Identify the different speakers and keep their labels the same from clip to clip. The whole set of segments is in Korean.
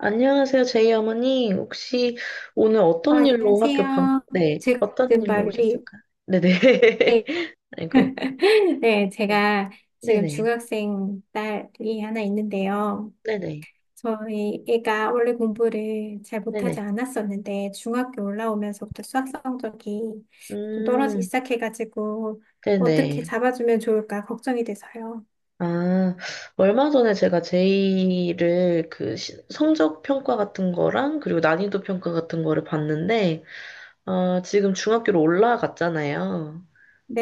Speaker 1: 안녕하세요, 제이 어머니. 혹시 오늘 어떤
Speaker 2: 아,
Speaker 1: 일로 학교 방,
Speaker 2: 안녕하세요.
Speaker 1: 네,
Speaker 2: 지금
Speaker 1: 어떤 일로
Speaker 2: 말이,
Speaker 1: 오셨을까요? 네네.
Speaker 2: 네,
Speaker 1: 아이고.
Speaker 2: 네,
Speaker 1: 네.
Speaker 2: 제가 지금
Speaker 1: 네네.
Speaker 2: 중학생 딸이 하나 있는데요.
Speaker 1: 네네.
Speaker 2: 저희 애가 원래 공부를 잘 못하지
Speaker 1: 네네.
Speaker 2: 않았었는데, 중학교 올라오면서부터 수학 성적이 좀 떨어지기
Speaker 1: 음,
Speaker 2: 시작해가지고, 어떻게
Speaker 1: 네네.
Speaker 2: 잡아주면 좋을까 걱정이 돼서요.
Speaker 1: 아, 얼마 전에 제가 제이를 성적 평가 같은 거랑 그리고 난이도 평가 같은 거를 봤는데, 아, 지금 중학교로 올라갔잖아요.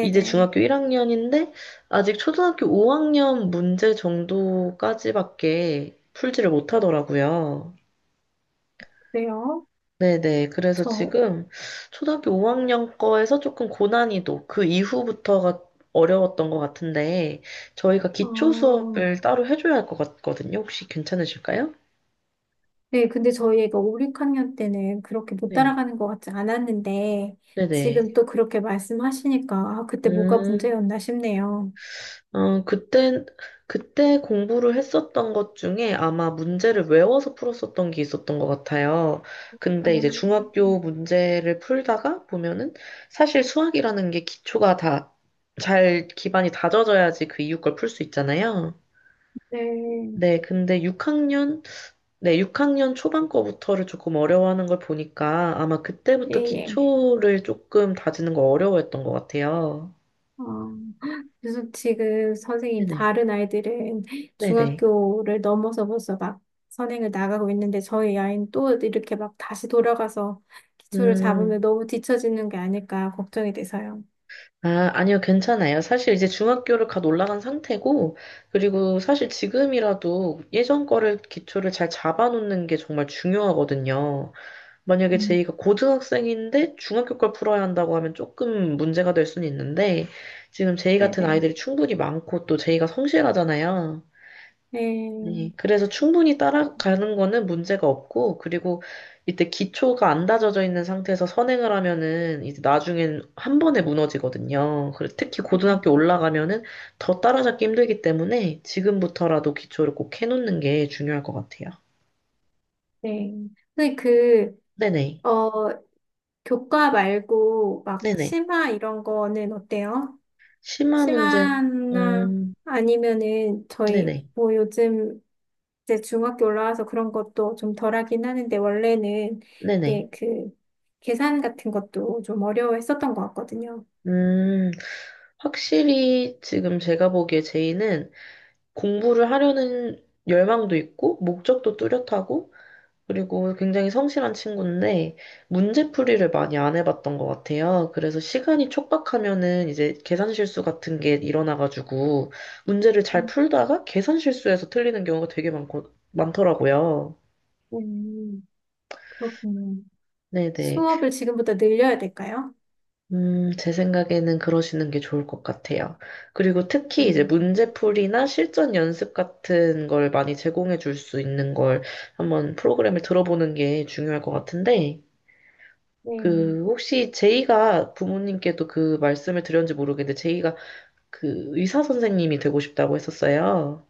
Speaker 1: 이제 중학교 1학년인데 아직 초등학교 5학년 문제 정도까지밖에 풀지를 못하더라고요.
Speaker 2: 그래요.
Speaker 1: 네네. 그래서
Speaker 2: 저,
Speaker 1: 지금 초등학교 5학년 거에서 조금 고난이도, 그 이후부터가 어려웠던 것 같은데 저희가 기초
Speaker 2: 어,
Speaker 1: 수업을 따로 해줘야 할 것 같거든요. 혹시 괜찮으실까요?
Speaker 2: 네, 근데 저희 애가 5, 6학년 때는 그렇게 못
Speaker 1: 네.
Speaker 2: 따라가는 것 같지 않았는데, 지금
Speaker 1: 네네.
Speaker 2: 또 그렇게 말씀하시니까, 아, 그때 뭐가
Speaker 1: 음,
Speaker 2: 문제였나 싶네요.
Speaker 1: 어, 그때, 그때 공부를 했었던 것 중에 아마 문제를 외워서 풀었었던 게 있었던 것 같아요.
Speaker 2: 아,
Speaker 1: 근데 이제 중학교 문제를 풀다가 보면은 사실 수학이라는 게 기초가 다 잘 기반이 다져져야지 그 이후 걸 풀 수 있잖아요.
Speaker 2: 네,
Speaker 1: 네, 근데 6학년, 네, 6학년 초반 거부터를 조금 어려워하는 걸 보니까 아마
Speaker 2: 예,
Speaker 1: 그때부터
Speaker 2: 예.
Speaker 1: 기초를 조금 다지는 거 어려워했던 것 같아요.
Speaker 2: 어, 그래서 지금 선생님,
Speaker 1: 네네.
Speaker 2: 다른 아이들은
Speaker 1: 네네.
Speaker 2: 중학교를 넘어서 벌써 막 선행을 나가고 있는데, 저희 아이는 또 이렇게 막 다시 돌아가서 기초를 잡으면
Speaker 1: 음,
Speaker 2: 너무 뒤처지는 게 아닐까 걱정이 돼서요.
Speaker 1: 아, 아니요, 괜찮아요. 사실 이제 중학교를 갓 올라간 상태고, 그리고 사실 지금이라도 예전 거를 기초를 잘 잡아놓는 게 정말 중요하거든요. 만약에
Speaker 2: 음,
Speaker 1: 제이가 고등학생인데 중학교 걸 풀어야 한다고 하면 조금 문제가 될 수는 있는데, 지금 제이 같은
Speaker 2: 네네.
Speaker 1: 아이들이 충분히 많고 또 제이가 성실하잖아요. 네,
Speaker 2: 네.
Speaker 1: 그래서 충분히 따라가는 거는 문제가 없고, 그리고 이때 기초가 안 다져져 있는 상태에서 선행을 하면은 이제 나중엔 한 번에 무너지거든요. 그리고 특히 고등학교 올라가면은 더 따라잡기 힘들기 때문에 지금부터라도 기초를 꼭 해놓는 게 중요할 것 같아요.
Speaker 2: 네. 근데 그,
Speaker 1: 네네,
Speaker 2: 어, 교과 말고 막
Speaker 1: 네네.
Speaker 2: 심화 이런 거는 어때요?
Speaker 1: 심화 문제,
Speaker 2: 심화나
Speaker 1: 음,
Speaker 2: 아니면은 저희
Speaker 1: 네네,
Speaker 2: 뭐 요즘 이제 중학교 올라와서 그런 것도 좀 덜하긴 하는데 원래는
Speaker 1: 네네.
Speaker 2: 이게 그 계산 같은 것도 좀 어려워했었던 것 같거든요.
Speaker 1: 음, 확실히 지금 제가 보기에 제이는 공부를 하려는 열망도 있고, 목적도 뚜렷하고, 그리고 굉장히 성실한 친구인데 문제풀이를 많이 안 해봤던 것 같아요. 그래서 시간이 촉박하면은 이제 계산 실수 같은 게 일어나가지고 문제를 잘
Speaker 2: 음,
Speaker 1: 풀다가 계산 실수해서 틀리는 경우가 되게 많고, 많더라고요.
Speaker 2: 음, 그렇군요.
Speaker 1: 네네.
Speaker 2: 수업을 지금부터 늘려야 될까요?
Speaker 1: 제 생각에는 그러시는 게 좋을 것 같아요. 그리고
Speaker 2: 아,
Speaker 1: 특히 이제 문제풀이나 실전 연습 같은 걸 많이 제공해 줄 수 있는 걸 한번 프로그램을 들어보는 게 중요할 것 같은데
Speaker 2: 네.
Speaker 1: 그 혹시 제이가 부모님께도 그 말씀을 드렸는지 모르겠는데 제이가 그 의사 선생님이 되고 싶다고 했었어요.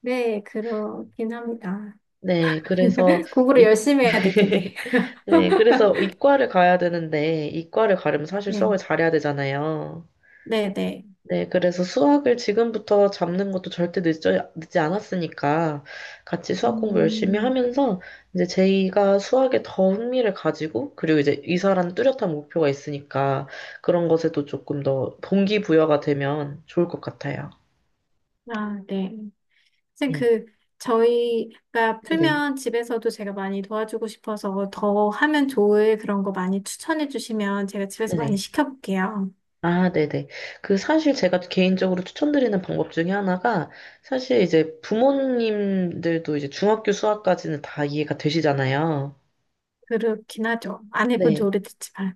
Speaker 2: 네, 그렇긴 합니다.
Speaker 1: 네, 그래서
Speaker 2: 공부를
Speaker 1: 이
Speaker 2: 열심히 해야 될 텐데.
Speaker 1: 네, 그래서 이과를 가야 되는데 이과를 가려면 사실
Speaker 2: 예.
Speaker 1: 수학을 잘해야 되잖아요.
Speaker 2: 네네.
Speaker 1: 네, 그래서 수학을 지금부터 잡는 것도 절대 늦지, 늦지 않았으니까 같이 수학 공부 열심히
Speaker 2: 음,
Speaker 1: 하면서 이제 제이가 수학에 더 흥미를 가지고 그리고 이제 이사라는 뚜렷한 목표가 있으니까 그런 것에도 조금 더 동기부여가 되면 좋을 것 같아요.
Speaker 2: 아, 네.
Speaker 1: 네.
Speaker 2: 선생님, 그, 저희가
Speaker 1: 네네.
Speaker 2: 풀면 집에서도 제가 많이 도와주고 싶어서 더 하면 좋을 그런 거 많이 추천해 주시면 제가 집에서 많이
Speaker 1: 네네.
Speaker 2: 시켜볼게요.
Speaker 1: 아, 네네. 그 사실 제가 개인적으로 추천드리는 방법 중에 하나가 사실 이제 부모님들도 이제 중학교 수학까지는 다 이해가 되시잖아요.
Speaker 2: 그렇긴 하죠. 안 해본 지
Speaker 1: 네.
Speaker 2: 오래됐지만.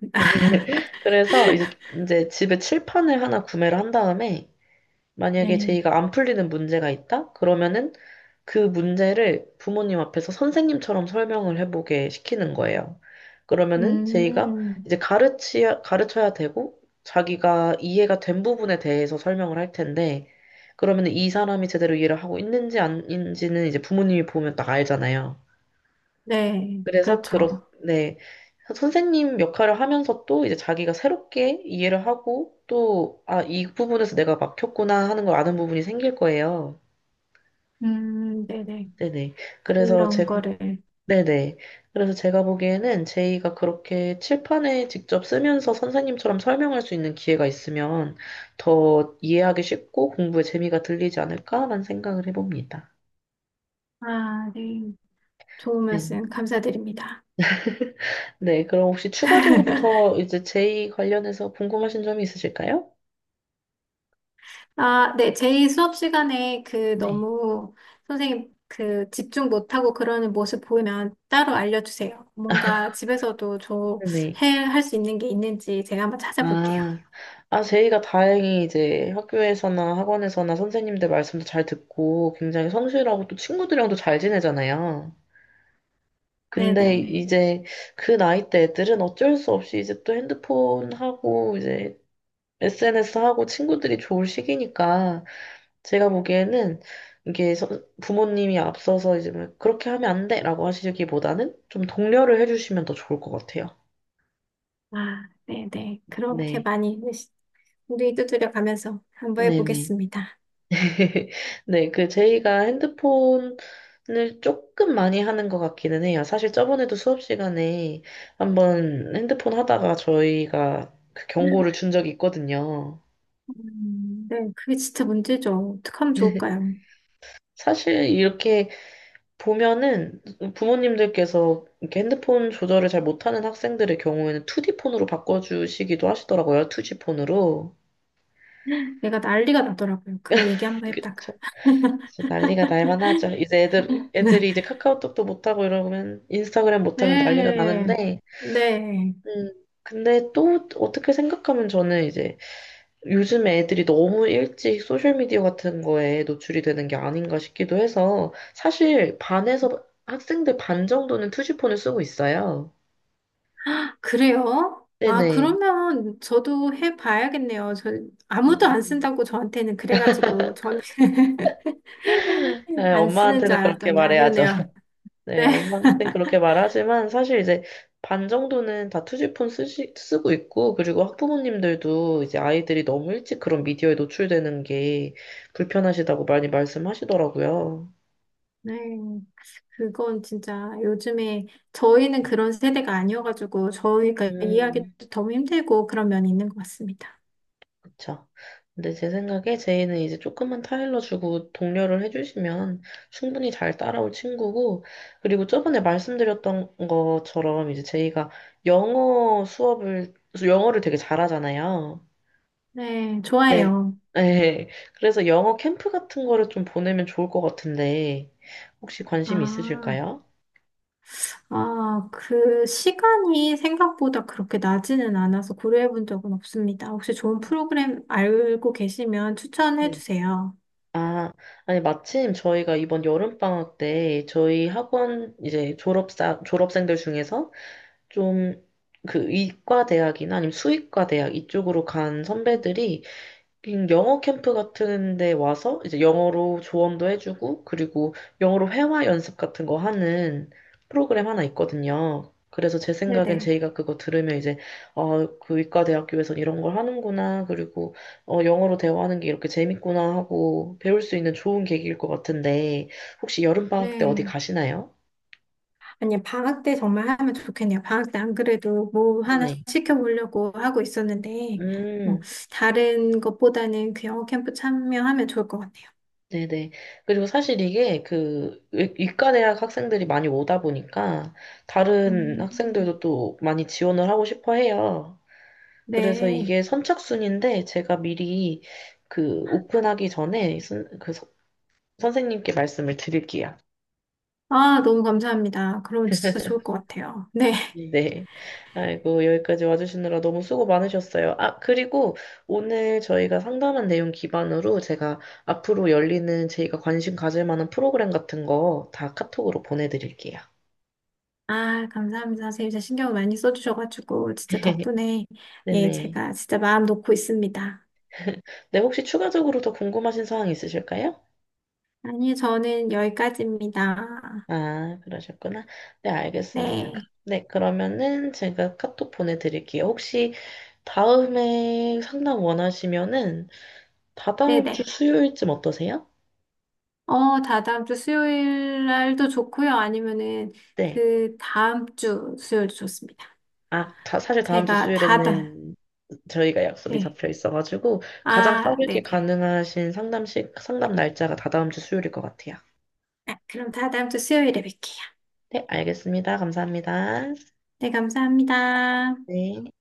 Speaker 1: 그래서 이제, 이제 집에 칠판을 하나 구매를 한 다음에 만약에
Speaker 2: 네.
Speaker 1: 제이가 안 풀리는 문제가 있다? 그러면은 그 문제를 부모님 앞에서 선생님처럼 설명을 해보게 시키는 거예요. 그러면은 제이가
Speaker 2: 음,
Speaker 1: 이제 가르쳐야 되고 자기가 이해가 된 부분에 대해서 설명을 할 텐데 그러면 이 사람이 제대로 이해를 하고 있는지 아닌지는 이제 부모님이 보면 딱 알잖아요.
Speaker 2: 네.
Speaker 1: 그래서 그런
Speaker 2: 그렇죠.
Speaker 1: 네. 선생님 역할을 하면서 또 이제 자기가 새롭게 이해를 하고 또, 아, 이 부분에서 내가 막혔구나 하는 걸 아는 부분이 생길 거예요.
Speaker 2: 네네.
Speaker 1: 네네. 그래서
Speaker 2: 그런
Speaker 1: 제,
Speaker 2: 거를.
Speaker 1: 네네. 그래서 제가 보기에는 제이가 그렇게 칠판에 직접 쓰면서 선생님처럼 설명할 수 있는 기회가 있으면 더 이해하기 쉽고 공부에 재미가 들리지 않을까라는 생각을 해봅니다.
Speaker 2: 아, 네. 좋은
Speaker 1: 네.
Speaker 2: 말씀 감사드립니다.
Speaker 1: 네. 그럼 혹시 추가적으로 더 이제 제이 관련해서 궁금하신 점이 있으실까요?
Speaker 2: 아, 네. 제 수업 시간에 그
Speaker 1: 네.
Speaker 2: 너무 선생님 그 집중 못하고 그러는 모습 보이면 따로 알려주세요. 뭔가 집에서도 저
Speaker 1: 네네.
Speaker 2: 할 수 있는 게 있는지 제가 한번 찾아볼게요.
Speaker 1: 아, 아, 제이가 다행히 이제 학교에서나 학원에서나 선생님들 말씀도 잘 듣고 굉장히 성실하고 또 친구들이랑도 잘 지내잖아요. 근데
Speaker 2: 네네.
Speaker 1: 이제 그 나이 때 애들은 어쩔 수 없이 이제 또 핸드폰 하고 이제 SNS 하고 친구들이 좋을 시기니까 제가 보기에는 이게 서- 부모님이 앞서서 이제 뭐 그렇게 하면 안 돼라고 하시기보다는 좀 독려를 해주시면 더 좋을 것 같아요.
Speaker 2: 아, 네네. 그렇게
Speaker 1: 네.
Speaker 2: 많이 우리 두드려 가면서 한번
Speaker 1: 네네.
Speaker 2: 해보겠습니다.
Speaker 1: 네, 그 제이가 핸드폰을 조금 많이 하는 것 같기는 해요. 사실 저번에도 수업 시간에 한번 핸드폰 하다가 저희가 그 경고를 준 적이 있거든요.
Speaker 2: 네. 그게 진짜 문제죠. 어떻게 하면 좋을까요?
Speaker 1: 사실 이렇게 보면은 부모님들께서 이렇게 핸드폰 조절을 잘 못하는 학생들의 경우에는 2D폰으로 바꿔주시기도 하시더라고요. 2G폰으로.
Speaker 2: 내가 난리가 나더라고요. 그거 얘기 한번 했다가.
Speaker 1: 난리가 날만 하죠. 이제
Speaker 2: 네.
Speaker 1: 애들이 이제 카카오톡도 못하고 이러면 인스타그램 못하면 난리가
Speaker 2: 네.
Speaker 1: 나는데
Speaker 2: 네.
Speaker 1: 음, 근데 또 어떻게 생각하면 저는 이제 요즘에 애들이 너무 일찍 소셜미디어 같은 거에 노출이 되는 게 아닌가 싶기도 해서 사실 반에서 학생들 반 정도는 투지폰을 쓰고 있어요.
Speaker 2: 그래요? 아,
Speaker 1: 네네.
Speaker 2: 그러면 저도 해봐야겠네요. 저 아무도 안
Speaker 1: 음,
Speaker 2: 쓴다고 저한테는 그래가지고 저는
Speaker 1: 네,
Speaker 2: 안 쓰는 줄
Speaker 1: 엄마한테는 그렇게
Speaker 2: 알았더니
Speaker 1: 말해야죠.
Speaker 2: 아니었네요. 네.
Speaker 1: 네, 엄마한테는 그렇게 말하지만 사실 이제 반 정도는 다 투지폰 쓰고 있고 그리고 학부모님들도 이제 아이들이 너무 일찍 그런 미디어에 노출되는 게 불편하시다고 많이 말씀하시더라고요.
Speaker 2: 네. 그건 진짜 요즘에 저희는 그런 세대가 아니어가지고 저희가
Speaker 1: 음,
Speaker 2: 이해하기도 너무 힘들고 그런 면이 있는 것 같습니다.
Speaker 1: 그쵸. 근데 제 생각에 제이는 이제 조금만 타일러 주고 독려를 해주시면 충분히 잘 따라올 친구고, 그리고 저번에 말씀드렸던 것처럼 이제 제이가 영어 수업을, 영어를 되게 잘하잖아요.
Speaker 2: 네,
Speaker 1: 네.
Speaker 2: 좋아요.
Speaker 1: 네. 그래서 영어 캠프 같은 거를 좀 보내면 좋을 것 같은데, 혹시 관심
Speaker 2: 아.
Speaker 1: 있으실까요?
Speaker 2: 아, 그 시간이 생각보다 그렇게 나지는 않아서 고려해 본 적은 없습니다. 혹시 좋은 프로그램 알고 계시면 추천해
Speaker 1: 네.
Speaker 2: 주세요.
Speaker 1: 아, 아니, 마침 저희가 이번 여름방학 때 저희 학원 이제 졸업생들 중에서 좀 그 의과 대학이나 아니면 수의과 대학 이쪽으로 간 선배들이 그냥 영어 캠프 같은 데 와서 이제 영어로 조언도 해주고 그리고 영어로 회화 연습 같은 거 하는 프로그램 하나 있거든요. 그래서 제 생각엔
Speaker 2: 네네.
Speaker 1: 제이가 그거 들으면 이제 아, 그 의과 대학교에선 이런 걸 하는구나. 그리고 영어로 대화하는 게 이렇게 재밌구나 하고 배울 수 있는 좋은 계기일 것 같은데 혹시 여름방학 때 어디
Speaker 2: 네.
Speaker 1: 가시나요?
Speaker 2: 아니, 방학 때 정말 하면 좋겠네요. 방학 때 안 그래도 뭐 하나
Speaker 1: 네네.
Speaker 2: 시켜보려고 하고 있었는데, 뭐,
Speaker 1: 음.
Speaker 2: 다른 것보다는 그 영어 캠프 참여하면 좋을 것 같아요.
Speaker 1: 네네. 그리고 사실 이과 대학 학생들이 많이 오다 보니까 다른
Speaker 2: 음,
Speaker 1: 학생들도 또 많이 지원을 하고 싶어 해요. 그래서
Speaker 2: 네.
Speaker 1: 이게 선착순인데 제가 미리 그 오픈하기 전에 선생님께 말씀을 드릴게요.
Speaker 2: 아, 너무 감사합니다. 그러면 진짜 좋을 것 같아요. 네.
Speaker 1: 네. 아이고, 여기까지 와주시느라 너무 수고 많으셨어요. 아, 그리고 오늘 저희가 상담한 내용 기반으로 제가 앞으로 열리는 저희가 관심 가질 만한 프로그램 같은 거 다 카톡으로 보내드릴게요.
Speaker 2: 아, 감사합니다. 선생님, 진짜 신경을 많이 써주셔가지고, 진짜 덕분에, 예,
Speaker 1: 네네.
Speaker 2: 제가 진짜 마음 놓고 있습니다.
Speaker 1: 네, 혹시 추가적으로 더 궁금하신 사항 있으실까요?
Speaker 2: 아니, 저는 여기까지입니다.
Speaker 1: 아, 그러셨구나. 네, 알겠습니다.
Speaker 2: 네,
Speaker 1: 네, 그러면은 제가 카톡 보내드릴게요. 혹시 다음에 상담 원하시면은 다다음 주
Speaker 2: 네네.
Speaker 1: 수요일쯤 어떠세요?
Speaker 2: 어, 다 다음 주 수요일 날도 좋고요. 아니면은,
Speaker 1: 네.
Speaker 2: 그 다음 주 수요일도 좋습니다.
Speaker 1: 아, 다, 사실 다음 주
Speaker 2: 제가
Speaker 1: 수요일에는 저희가 약속이
Speaker 2: 네.
Speaker 1: 잡혀 있어가지고 가장
Speaker 2: 아,
Speaker 1: 빠르게
Speaker 2: 네네.
Speaker 1: 가능하신 상담 날짜가 다다음 주 수요일일 것 같아요.
Speaker 2: 아, 그럼 다 다음 주 수요일에 뵐게요.
Speaker 1: 네, 알겠습니다. 감사합니다.
Speaker 2: 네, 감사합니다.
Speaker 1: 네.